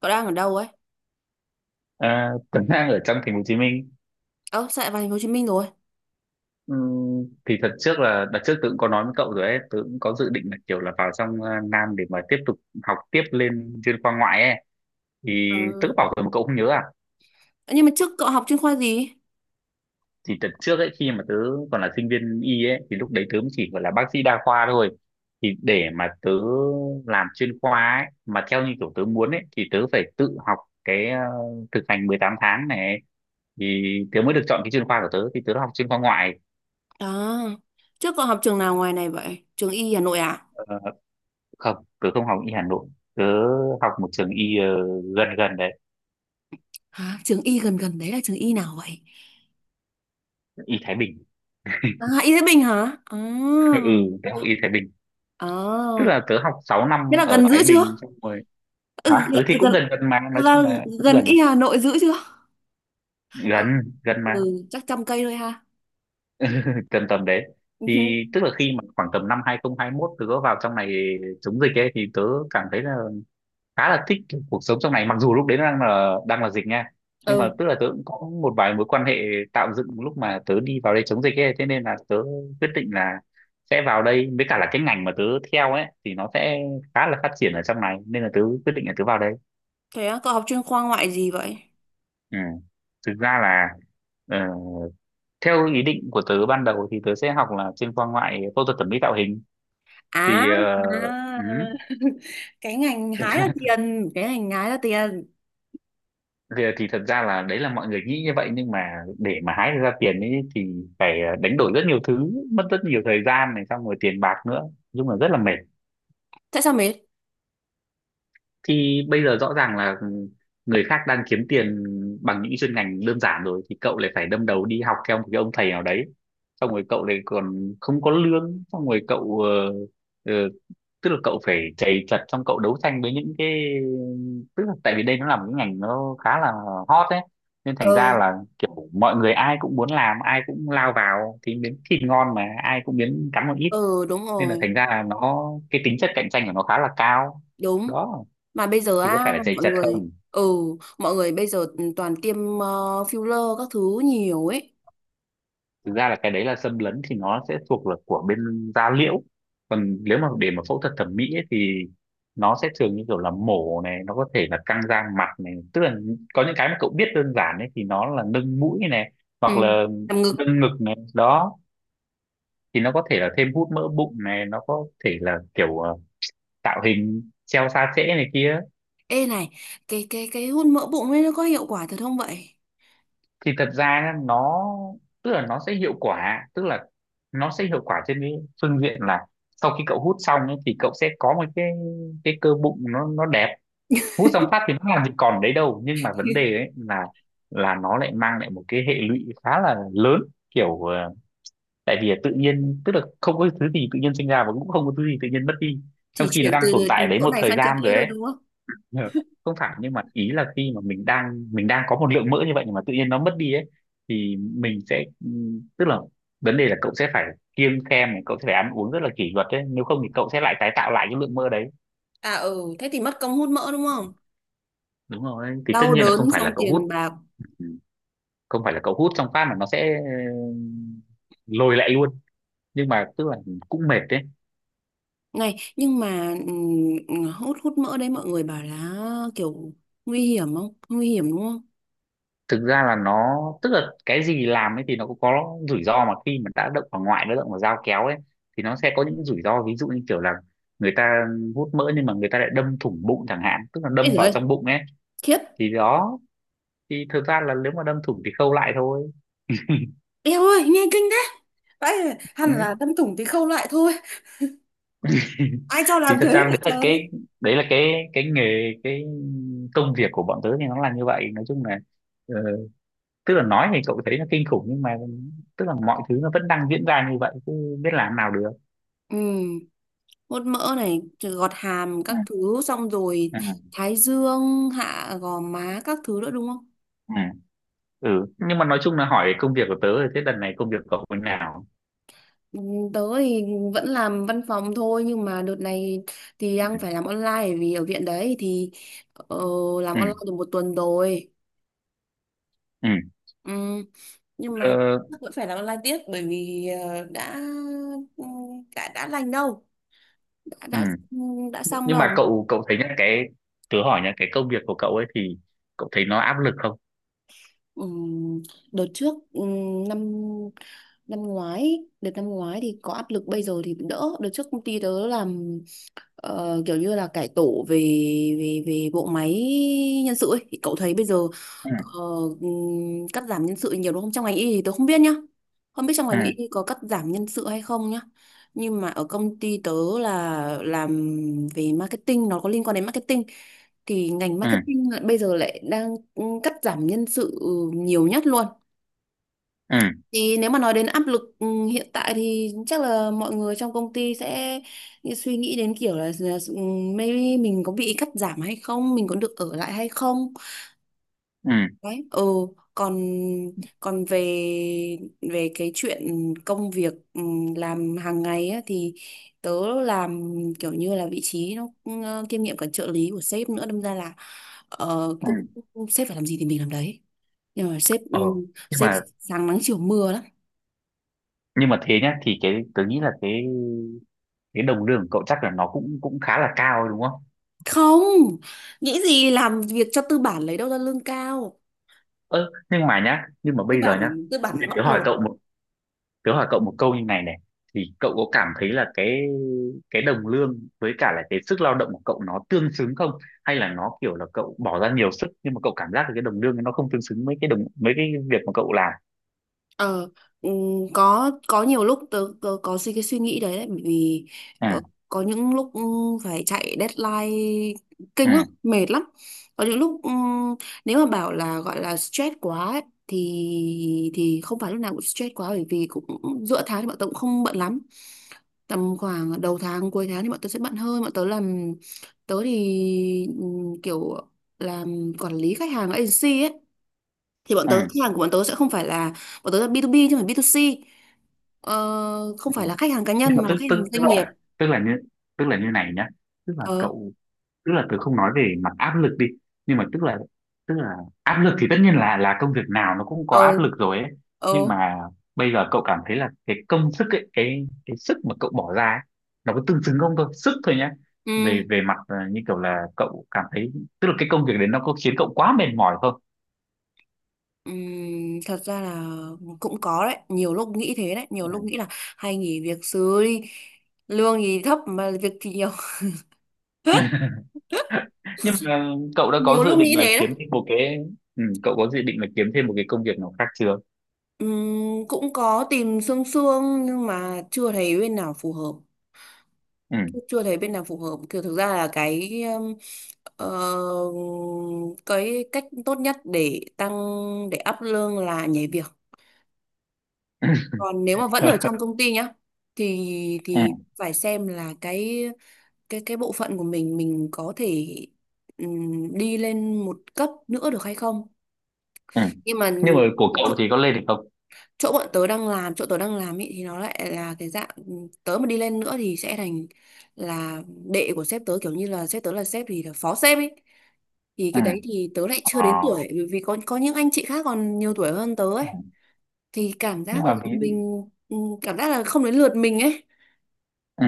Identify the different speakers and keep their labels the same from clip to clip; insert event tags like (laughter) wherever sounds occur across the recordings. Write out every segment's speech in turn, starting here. Speaker 1: Cậu đang ở đâu ấy?
Speaker 2: Tuấn đang ở trong thành phố Hồ Chí Minh.
Speaker 1: Ơ, sao lại vào thành phố Hồ Chí Minh rồi?
Speaker 2: Thì thật trước là đợt trước tớ cũng có nói với cậu rồi ấy, tớ cũng có dự định là kiểu là vào trong Nam để mà tiếp tục học tiếp lên chuyên khoa ngoại ấy. Thì
Speaker 1: À.
Speaker 2: tớ cứ bảo rồi mà cậu không nhớ à?
Speaker 1: Nhưng mà trước cậu học chuyên khoa gì?
Speaker 2: Thì đợt trước ấy khi mà tớ còn là sinh viên y ấy, thì lúc đấy tớ mới chỉ gọi là bác sĩ đa khoa thôi. Thì để mà tớ làm chuyên khoa ấy mà theo như kiểu tớ muốn ấy, thì tớ phải tự học cái thực hành 18 tháng này ấy. Thì tớ mới được chọn cái chuyên khoa của tớ, thì tớ đã học chuyên khoa ngoại.
Speaker 1: À, trước cậu học trường nào ngoài này vậy? Trường Y Hà Nội à?
Speaker 2: ờ, Không, tớ không học y Hà Nội. Tớ học một trường y gần gần đấy.
Speaker 1: Hả? Trường Y gần gần đấy là trường Y nào vậy?
Speaker 2: Y Thái Bình.
Speaker 1: À, Y Thái Bình hả? À,
Speaker 2: (laughs) Ừ, tớ học y Thái Bình. Tức
Speaker 1: à.
Speaker 2: là tớ học 6
Speaker 1: Thế
Speaker 2: năm
Speaker 1: là
Speaker 2: ở
Speaker 1: gần giữ
Speaker 2: Thái
Speaker 1: chưa?
Speaker 2: Bình xong rồi.
Speaker 1: Ừ,
Speaker 2: Hả? Ừ, thì
Speaker 1: gần,
Speaker 2: cũng gần gần mà, nói chung
Speaker 1: là
Speaker 2: là cũng
Speaker 1: gần
Speaker 2: gần.
Speaker 1: Y Hà Nội giữ chưa? Ờ.
Speaker 2: Gần. Gần mà.
Speaker 1: Ừ, chắc 100 cây thôi ha.
Speaker 2: Tầm tầm đấy.
Speaker 1: Ừ.
Speaker 2: Thì tức là khi mà khoảng tầm năm 2021 tớ có vào trong này chống dịch ấy, thì tớ cảm thấy là khá là thích cái cuộc sống trong này, mặc dù lúc đấy nó đang là dịch nha. Nhưng mà
Speaker 1: Ừ,
Speaker 2: tức là tớ cũng có một vài mối quan hệ tạo dựng lúc mà tớ đi vào đây chống dịch ấy, thế nên là tớ quyết định là sẽ vào đây, với cả là cái ngành mà tớ theo ấy thì nó sẽ khá là phát triển ở trong này, nên là tớ quyết định là tớ vào đây.
Speaker 1: thế á, cậu học chuyên khoa ngoại gì vậy?
Speaker 2: Ừ. Thực ra là ờ, theo ý định của tớ ban đầu thì tớ sẽ học là chuyên khoa ngoại phẫu thuật thẩm mỹ tạo hình.
Speaker 1: À,
Speaker 2: Thì ừ.
Speaker 1: à. (laughs) Cái ngành hái là tiền, cái ngành hái là tiền.
Speaker 2: Thì thật ra là đấy là mọi người nghĩ như vậy, nhưng mà để mà hái được ra tiền ấy thì phải đánh đổi rất nhiều thứ, mất rất nhiều thời gian này, xong rồi tiền bạc nữa, nói chung là rất là mệt.
Speaker 1: Tại sao mệt?
Speaker 2: Thì bây giờ rõ ràng là ừ, người khác đang kiếm tiền bằng những chuyên ngành đơn giản rồi, thì cậu lại phải đâm đầu đi học theo một cái ông thầy nào đấy, xong rồi cậu lại còn không có lương, xong rồi cậu ờ, tức là cậu phải chạy chật trong cậu đấu tranh với những cái, tức là tại vì đây nó là một cái ngành nó khá là hot ấy, nên thành ra
Speaker 1: Ờ.
Speaker 2: là kiểu mọi người ai cũng muốn làm, ai cũng lao vào, thì miếng thịt ngon mà ai cũng miếng cắn một ít.
Speaker 1: Ờ. Đúng
Speaker 2: Nên là
Speaker 1: rồi.
Speaker 2: thành ra là nó cái tính chất cạnh tranh của nó khá là cao.
Speaker 1: Đúng.
Speaker 2: Đó.
Speaker 1: Mà bây giờ
Speaker 2: Thì có phải
Speaker 1: á
Speaker 2: là chạy
Speaker 1: mọi
Speaker 2: chật
Speaker 1: người,
Speaker 2: không.
Speaker 1: ừ, mọi người bây giờ toàn tiêm filler các thứ nhiều ấy.
Speaker 2: Thực ra là cái đấy là xâm lấn thì nó sẽ thuộc là của bên da liễu. Còn nếu mà để mà phẫu thuật thẩm mỹ ấy, thì nó sẽ thường như kiểu là mổ này, nó có thể là căng da mặt này, tức là có những cái mà cậu biết đơn giản ấy, thì nó là nâng mũi này,
Speaker 1: Ừ.
Speaker 2: hoặc là
Speaker 1: Làm ngực.
Speaker 2: nâng ngực này đó. Thì nó có thể là thêm hút mỡ bụng này, nó có thể là kiểu tạo hình treo xa trễ này kia.
Speaker 1: Ê này, cái hút mỡ bụng ấy nó có hiệu quả thật không vậy?
Speaker 2: Thì thật ra nhá, nó tức là nó sẽ hiệu quả, tức là nó sẽ hiệu quả trên cái phương diện là sau khi cậu hút xong ấy, thì cậu sẽ có một cái cơ bụng nó đẹp. Hút xong phát thì nó làm gì còn đấy đâu, nhưng mà vấn
Speaker 1: (laughs)
Speaker 2: đề ấy là nó lại mang lại một cái hệ lụy khá là lớn, kiểu tại vì tự nhiên tức là không có thứ gì tự nhiên sinh ra, và cũng không có thứ gì tự nhiên mất đi,
Speaker 1: Chỉ
Speaker 2: trong khi nó
Speaker 1: chuyển
Speaker 2: đang tồn
Speaker 1: từ
Speaker 2: tại ở đấy
Speaker 1: chỗ
Speaker 2: một
Speaker 1: này
Speaker 2: thời
Speaker 1: sang chỗ
Speaker 2: gian
Speaker 1: kia
Speaker 2: rồi
Speaker 1: thôi
Speaker 2: ấy.
Speaker 1: đúng không?
Speaker 2: Ờ, không phải, nhưng mà ý là khi mà mình đang có một lượng mỡ như vậy, nhưng mà tự nhiên nó mất đi ấy, thì mình sẽ tức là vấn đề là cậu sẽ phải kiêng khem này, cậu sẽ phải ăn uống rất là kỷ luật đấy, nếu không thì cậu sẽ lại tái tạo lại cái lượng mỡ đấy.
Speaker 1: À, ừ, thế thì mất công hút mỡ đúng không?
Speaker 2: Đúng rồi, thì tất
Speaker 1: Đau
Speaker 2: nhiên là không
Speaker 1: đớn
Speaker 2: phải
Speaker 1: xong
Speaker 2: là cậu
Speaker 1: tiền
Speaker 2: hút,
Speaker 1: bạc.
Speaker 2: không phải là cậu hút xong phát mà nó sẽ lồi lại luôn. Nhưng mà tức là cũng mệt đấy.
Speaker 1: Này nhưng mà hút hút mỡ đấy mọi người bảo là kiểu nguy hiểm không nguy hiểm đúng không?
Speaker 2: Thực ra là nó tức là cái gì làm ấy thì nó cũng có rủi ro, mà khi mà đã động vào ngoại, đã động vào dao kéo ấy, thì nó sẽ có những rủi ro, ví dụ như kiểu là người ta hút mỡ nhưng mà người ta lại đâm thủng bụng chẳng hạn, tức là
Speaker 1: Ê
Speaker 2: đâm
Speaker 1: giời
Speaker 2: vào
Speaker 1: ơi,
Speaker 2: trong bụng ấy.
Speaker 1: khiếp.
Speaker 2: Thì đó. Thì thực ra là nếu mà đâm thủng thì khâu lại thôi.
Speaker 1: Eo ơi, nghe kinh thế. Đấy,
Speaker 2: Ừ.
Speaker 1: hẳn là đâm thủng thì khâu lại thôi.
Speaker 2: (laughs)
Speaker 1: Ai cho
Speaker 2: Thì
Speaker 1: làm
Speaker 2: thật
Speaker 1: thế
Speaker 2: ra đấy
Speaker 1: vậy
Speaker 2: là
Speaker 1: trời?
Speaker 2: cái, đấy là cái nghề, cái công việc của bọn tớ thì nó là như vậy, nói chung là ờ, tức là nói thì cậu thấy nó kinh khủng, nhưng mà tức là mọi thứ nó vẫn đang diễn ra như vậy chứ biết làm nào được.
Speaker 1: Ừ, hút mỡ này, rồi gọt hàm các thứ xong rồi
Speaker 2: Ừ.
Speaker 1: thái dương, hạ gò má các thứ nữa đúng không?
Speaker 2: Ừ. Ừ, nhưng mà nói chung là hỏi công việc của tớ rồi, thế đợt này công việc cậu như nào?
Speaker 1: Ừ, tớ thì vẫn làm văn phòng thôi nhưng mà đợt này thì đang
Speaker 2: Ừ.
Speaker 1: phải làm online bởi vì ở viện đấy thì ờ, làm
Speaker 2: Ừ.
Speaker 1: online được 1 tuần rồi.
Speaker 2: Ừ.
Speaker 1: Ừ, nhưng mà
Speaker 2: Ờ.
Speaker 1: chắc vẫn phải làm online tiếp bởi vì ừ, đã lành đâu, đã
Speaker 2: Ừ,
Speaker 1: đã ừ, đã xong
Speaker 2: nhưng mà
Speaker 1: đâu.
Speaker 2: cậu cậu thấy nhá, cái tớ hỏi nhá, cái công việc của cậu ấy thì cậu thấy nó áp lực không?
Speaker 1: Ừm, Đợt trước năm năm ngoái đợt năm ngoái thì có áp lực bây giờ thì đỡ. Đợt trước công ty tớ làm kiểu như là cải tổ về về về bộ máy nhân sự ấy thì cậu thấy bây giờ
Speaker 2: Ừ.
Speaker 1: ờ, cắt giảm nhân sự nhiều đúng không? Trong ngành y thì tôi không biết nhá, không biết trong
Speaker 2: Ừ.
Speaker 1: ngành y có cắt giảm nhân sự hay không nhá, nhưng mà ở công ty tớ là làm về marketing, nó có liên quan đến marketing thì ngành
Speaker 2: Ừ.
Speaker 1: marketing bây giờ lại đang cắt giảm nhân sự nhiều nhất luôn.
Speaker 2: Ừ.
Speaker 1: Thì nếu mà nói đến áp lực hiện tại thì chắc là mọi người trong công ty sẽ suy nghĩ đến kiểu là maybe mình có bị cắt giảm hay không, mình có được ở lại hay không.
Speaker 2: Ừ.
Speaker 1: Đấy. Ừ, còn còn về về cái chuyện công việc làm hàng ngày á, thì tớ làm kiểu như là vị trí nó kiêm nhiệm cả trợ lý của sếp nữa, đâm ra là cũng
Speaker 2: Ừ.
Speaker 1: sếp phải làm gì thì mình làm đấy. Nhưng mà sếp ừ,
Speaker 2: Ờ. Nhưng
Speaker 1: sếp
Speaker 2: mà,
Speaker 1: sáng nắng chiều mưa lắm.
Speaker 2: nhưng mà thế nhá, thì cái tớ nghĩ là cái đồng lương của cậu chắc là nó cũng cũng khá là cao đúng không?
Speaker 1: Không, nghĩ gì làm việc cho tư bản lấy đâu ra lương cao,
Speaker 2: Ơ, nhưng mà nhá, nhưng mà bây giờ nhá,
Speaker 1: tư bản
Speaker 2: bây giờ tớ
Speaker 1: bóc
Speaker 2: hỏi
Speaker 1: lột.
Speaker 2: cậu một, tớ hỏi cậu một câu như này này, thì cậu có cảm thấy là cái đồng lương với cả là cái sức lao động của cậu nó tương xứng không? Hay là nó kiểu là cậu bỏ ra nhiều sức, nhưng mà cậu cảm giác là cái đồng lương nó không tương xứng với cái đồng với cái việc mà cậu làm.
Speaker 1: Ờ. ừm, có nhiều lúc tớ có suy cái suy nghĩ đấy đấy bởi vì
Speaker 2: Ừ.
Speaker 1: ờ, có những lúc phải chạy deadline
Speaker 2: Ừ.
Speaker 1: kinh lắm mệt lắm. Có những lúc nếu mà bảo là gọi là stress quá ấy, thì không phải lúc nào cũng stress quá bởi vì cũng giữa tháng thì bọn tớ cũng không bận lắm, tầm khoảng đầu tháng cuối tháng thì bọn tớ sẽ bận hơn. Bọn tớ làm, tớ thì kiểu làm quản lý khách hàng agency ấy thì bọn
Speaker 2: Ừ.
Speaker 1: tớ khách hàng của bọn tớ sẽ không phải là bọn tớ là B2B chứ không phải B2C,
Speaker 2: Ừ.
Speaker 1: không phải là khách hàng cá
Speaker 2: Nhưng
Speaker 1: nhân
Speaker 2: mà
Speaker 1: mà là
Speaker 2: tức
Speaker 1: khách hàng
Speaker 2: tức
Speaker 1: doanh nghiệp.
Speaker 2: tức là như, tức là như này nhá, tức là
Speaker 1: Ờ.
Speaker 2: cậu, tức là tớ không nói về mặt áp lực đi, nhưng mà tức là áp lực thì tất nhiên là công việc nào nó cũng có
Speaker 1: Ờ.
Speaker 2: áp lực rồi ấy. Nhưng
Speaker 1: Ờ.
Speaker 2: mà bây giờ cậu cảm thấy là cái công sức ấy, cái sức mà cậu bỏ ra ấy, nó có tương xứng không, thôi sức thôi nhá. Về
Speaker 1: Ừ.
Speaker 2: về mặt như kiểu là cậu cảm thấy tức là cái công việc đấy nó có khiến cậu quá mệt mỏi không?
Speaker 1: Thật ra là cũng có đấy, nhiều lúc nghĩ thế đấy, nhiều
Speaker 2: Ừ.
Speaker 1: lúc nghĩ là hay nghỉ việc sớm đi, lương thì thấp mà việc thì nhiều. (laughs)
Speaker 2: Nhưng mà cậu đã có
Speaker 1: Nhiều
Speaker 2: dự
Speaker 1: lúc nghĩ
Speaker 2: định là
Speaker 1: thế đấy.
Speaker 2: kiếm thêm một cái, ừ, cậu có dự định là kiếm thêm một cái công việc nào khác chưa?
Speaker 1: Cũng có tìm xương xương nhưng mà chưa thấy bên nào phù hợp.
Speaker 2: Ừ.
Speaker 1: Chưa thấy bên nào phù hợp. Kiểu thực ra là ờ, cái cách tốt nhất để up lương là nhảy việc, còn nếu mà vẫn ở
Speaker 2: (laughs)
Speaker 1: trong công ty nhá thì
Speaker 2: Ừ.
Speaker 1: thì phải xem là cái bộ phận của mình có thể đi lên một cấp nữa được hay không.
Speaker 2: Ừ.
Speaker 1: Nhưng mà
Speaker 2: Nhưng mà của cậu thì có lên được không?
Speaker 1: chỗ bọn tớ đang làm, chỗ tớ đang làm ý, thì nó lại là cái dạng tớ mà đi lên nữa thì sẽ thành là đệ của sếp tớ, kiểu như là sếp tớ là sếp thì là phó sếp ấy thì
Speaker 2: Ừ.
Speaker 1: cái đấy thì tớ lại chưa đến tuổi vì vì có những anh chị khác còn nhiều tuổi hơn tớ
Speaker 2: Ờ.
Speaker 1: ấy, thì cảm
Speaker 2: Nhưng
Speaker 1: giác là
Speaker 2: mà ví,
Speaker 1: mình cảm giác là không đến lượt mình ấy.
Speaker 2: ừ,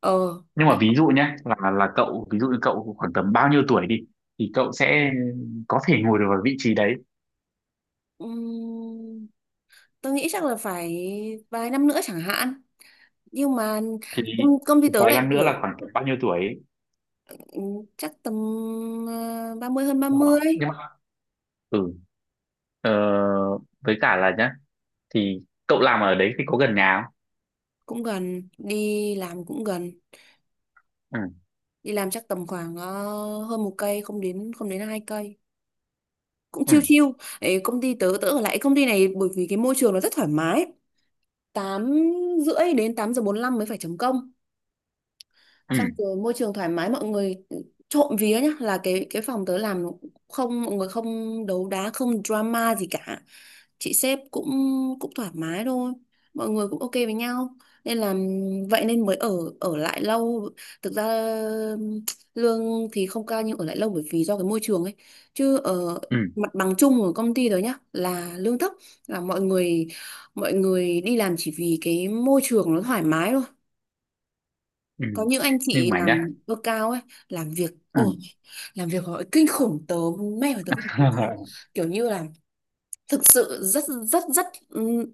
Speaker 1: Ờ.
Speaker 2: nhưng
Speaker 1: Đó.
Speaker 2: mà ví dụ nhé là cậu ví dụ như cậu khoảng tầm bao nhiêu tuổi đi thì cậu sẽ có thể ngồi được vào vị trí đấy.
Speaker 1: Ừm, Tớ nghĩ chắc là phải vài năm nữa chẳng hạn, nhưng mà
Speaker 2: thì,
Speaker 1: công công ty
Speaker 2: thì
Speaker 1: tớ
Speaker 2: vài
Speaker 1: lại
Speaker 2: năm nữa là
Speaker 1: kiểu
Speaker 2: khoảng tầm bao nhiêu tuổi ấy.
Speaker 1: ừ, chắc tầm 30, hơn ba
Speaker 2: Ờ,
Speaker 1: mươi
Speaker 2: nhưng mà ừ, ờ, với cả là nhá, thì cậu làm ở đấy thì có gần nhà
Speaker 1: Cũng gần, đi làm cũng gần,
Speaker 2: không?
Speaker 1: đi làm chắc tầm khoảng hơn một cây, không đến hai cây, cũng
Speaker 2: Ừ.
Speaker 1: chiêu
Speaker 2: Ừ.
Speaker 1: chiêu. Ấy, công ty tớ tớ ở lại công ty này bởi vì cái môi trường nó rất thoải mái, 8h30 đến 8h45 mới phải chấm công,
Speaker 2: Ừ.
Speaker 1: xong rồi môi trường thoải mái mọi người, trộm vía nhá, là cái phòng tớ làm không, mọi người không đấu đá không drama gì cả, chị sếp cũng cũng thoải mái thôi, mọi người cũng ok với nhau nên là, vậy nên mới ở ở lại lâu. Thực ra ừm, lương thì không cao nhưng ở lại lâu bởi vì do cái môi trường ấy, chứ ở
Speaker 2: Ừ,
Speaker 1: mặt bằng chung của công ty rồi nhá là lương thấp, là mọi người đi làm chỉ vì cái môi trường nó thoải mái thôi.
Speaker 2: ừ.
Speaker 1: Có những anh chị
Speaker 2: Nhưng mà nhá,
Speaker 1: làm lương cao ấy, làm việc
Speaker 2: ừ.
Speaker 1: ôi, làm việc họ kinh khủng, tớ mê mà tớ không biết sao.
Speaker 2: (laughs)
Speaker 1: Kiểu như là thực sự rất rất rất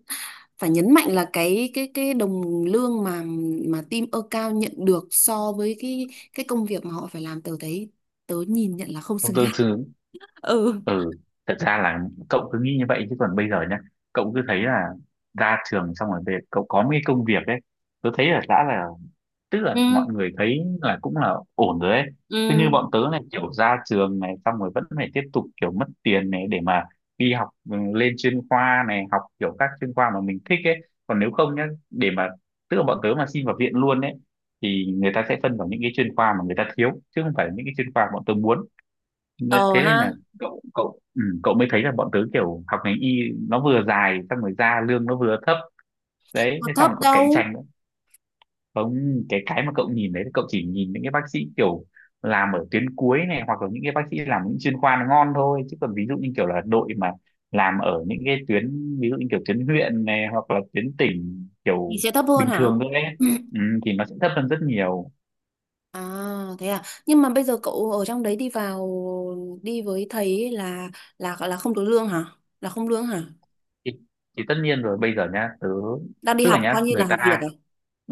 Speaker 1: phải nhấn mạnh là cái đồng lương mà team cao nhận được so với cái công việc mà họ phải làm, tớ thấy tớ nhìn nhận là không
Speaker 2: Không
Speaker 1: xứng
Speaker 2: tương
Speaker 1: đáng.
Speaker 2: xứng.
Speaker 1: (laughs) Ừ.
Speaker 2: Ừ. Thật ra là cậu cứ nghĩ như vậy, chứ còn bây giờ nhá cậu cứ thấy là ra trường xong rồi về cậu có mấy công việc ấy, tôi thấy là đã là tức là
Speaker 1: Ừ.
Speaker 2: mọi người thấy là cũng là ổn rồi ấy. Thế như
Speaker 1: Ừ.
Speaker 2: bọn tớ này kiểu ra trường này xong rồi vẫn phải tiếp tục kiểu mất tiền này để mà đi học, ừ, lên chuyên khoa này, học kiểu các chuyên khoa mà mình thích ấy. Còn nếu không nhá, để mà tức là bọn tớ mà xin vào viện luôn ấy, thì người ta sẽ phân vào những cái chuyên khoa mà người ta thiếu chứ không phải là những cái chuyên khoa bọn tớ muốn. Nên-
Speaker 1: Ờ
Speaker 2: thế
Speaker 1: ha.
Speaker 2: nên là cậu cậu ừ, cậu mới thấy là bọn tớ kiểu học ngành y, nó vừa dài xong rồi ra lương nó vừa thấp. Đấy,
Speaker 1: Có
Speaker 2: thế xong
Speaker 1: thấp
Speaker 2: rồi còn cạnh
Speaker 1: đâu.
Speaker 2: tranh nữa. Không, cái cái mà cậu nhìn đấy, cậu chỉ nhìn những cái bác sĩ kiểu làm ở tuyến cuối này, hoặc là những cái bác sĩ làm những chuyên khoa nó ngon thôi, chứ còn ví dụ như kiểu là đội mà làm ở những cái tuyến, ví dụ như kiểu tuyến huyện này, hoặc là tuyến tỉnh
Speaker 1: Thì
Speaker 2: kiểu
Speaker 1: sẽ thấp hơn
Speaker 2: bình
Speaker 1: hả.
Speaker 2: thường thôi ấy, ừ, thì nó sẽ thấp hơn rất nhiều.
Speaker 1: À, thế à, nhưng mà bây giờ cậu ở trong đấy đi vào đi với thầy ấy là không được lương hả, là không lương hả,
Speaker 2: thì, thì tất nhiên rồi, bây giờ nhá tớ
Speaker 1: đang đi
Speaker 2: tức là
Speaker 1: học
Speaker 2: nhá
Speaker 1: coi như là
Speaker 2: người
Speaker 1: học việc
Speaker 2: ta,
Speaker 1: à?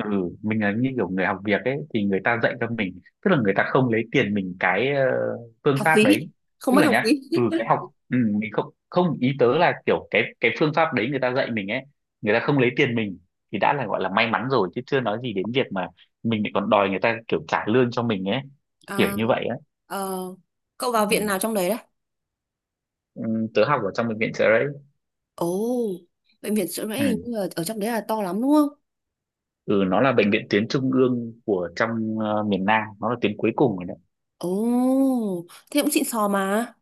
Speaker 2: ừ, mình là như kiểu người học việc ấy, thì người ta dạy cho mình, tức là người ta không lấy tiền mình cái phương
Speaker 1: Học
Speaker 2: pháp đấy.
Speaker 1: phí không
Speaker 2: Tức
Speaker 1: mất
Speaker 2: là
Speaker 1: học phí.
Speaker 2: nhá, ừ
Speaker 1: (laughs)
Speaker 2: cái học, ừ, mình không không ý tớ là kiểu cái phương pháp đấy người ta dạy mình ấy, người ta không lấy tiền mình thì đã là gọi là may mắn rồi, chứ chưa nói gì đến việc mà mình lại còn đòi người ta kiểu trả lương cho mình ấy, kiểu
Speaker 1: À.
Speaker 2: như vậy á.
Speaker 1: ờ, Cậu
Speaker 2: Ừ.
Speaker 1: vào viện nào trong đấy đấy?
Speaker 2: Ừ, tớ học ở trong bệnh viện chợ đấy.
Speaker 1: Ồ, bệnh viện Trợ Rẫy
Speaker 2: Ừ.
Speaker 1: hình như là ở trong đấy là to lắm đúng không?
Speaker 2: Ừ, nó là bệnh viện tuyến trung ương của trong miền Nam, nó là tuyến cuối cùng.
Speaker 1: Ồ, thế cũng xịn sò mà.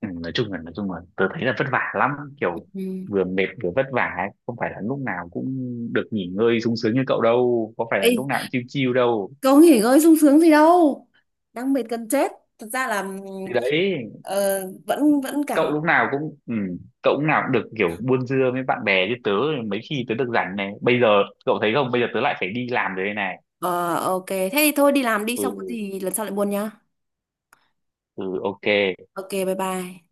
Speaker 2: Ừ, nói chung là tớ thấy là vất vả lắm, kiểu
Speaker 1: Ừ.
Speaker 2: vừa mệt vừa vất vả ấy. Không phải là lúc nào cũng được nghỉ ngơi sung sướng như cậu đâu, có phải
Speaker 1: Ê,
Speaker 2: là lúc nào cũng chill chill đâu.
Speaker 1: cậu nghỉ ngơi sung sướng gì đâu, đang mệt gần chết, thật ra là
Speaker 2: Thì đấy,
Speaker 1: ờ, vẫn vẫn
Speaker 2: cậu
Speaker 1: cảm.
Speaker 2: lúc nào cũng ừ, cậu lúc nào cũng được kiểu buôn dưa với bạn bè, chứ tớ mấy khi tớ được rảnh này. Bây giờ cậu thấy không, bây giờ tớ lại phải đi làm rồi đây này.
Speaker 1: Ờ ok, thế thì thôi đi làm đi, xong có
Speaker 2: Ừ.
Speaker 1: gì lần sau lại buồn nhá.
Speaker 2: Ừ, ok.
Speaker 1: Ok, bye bye.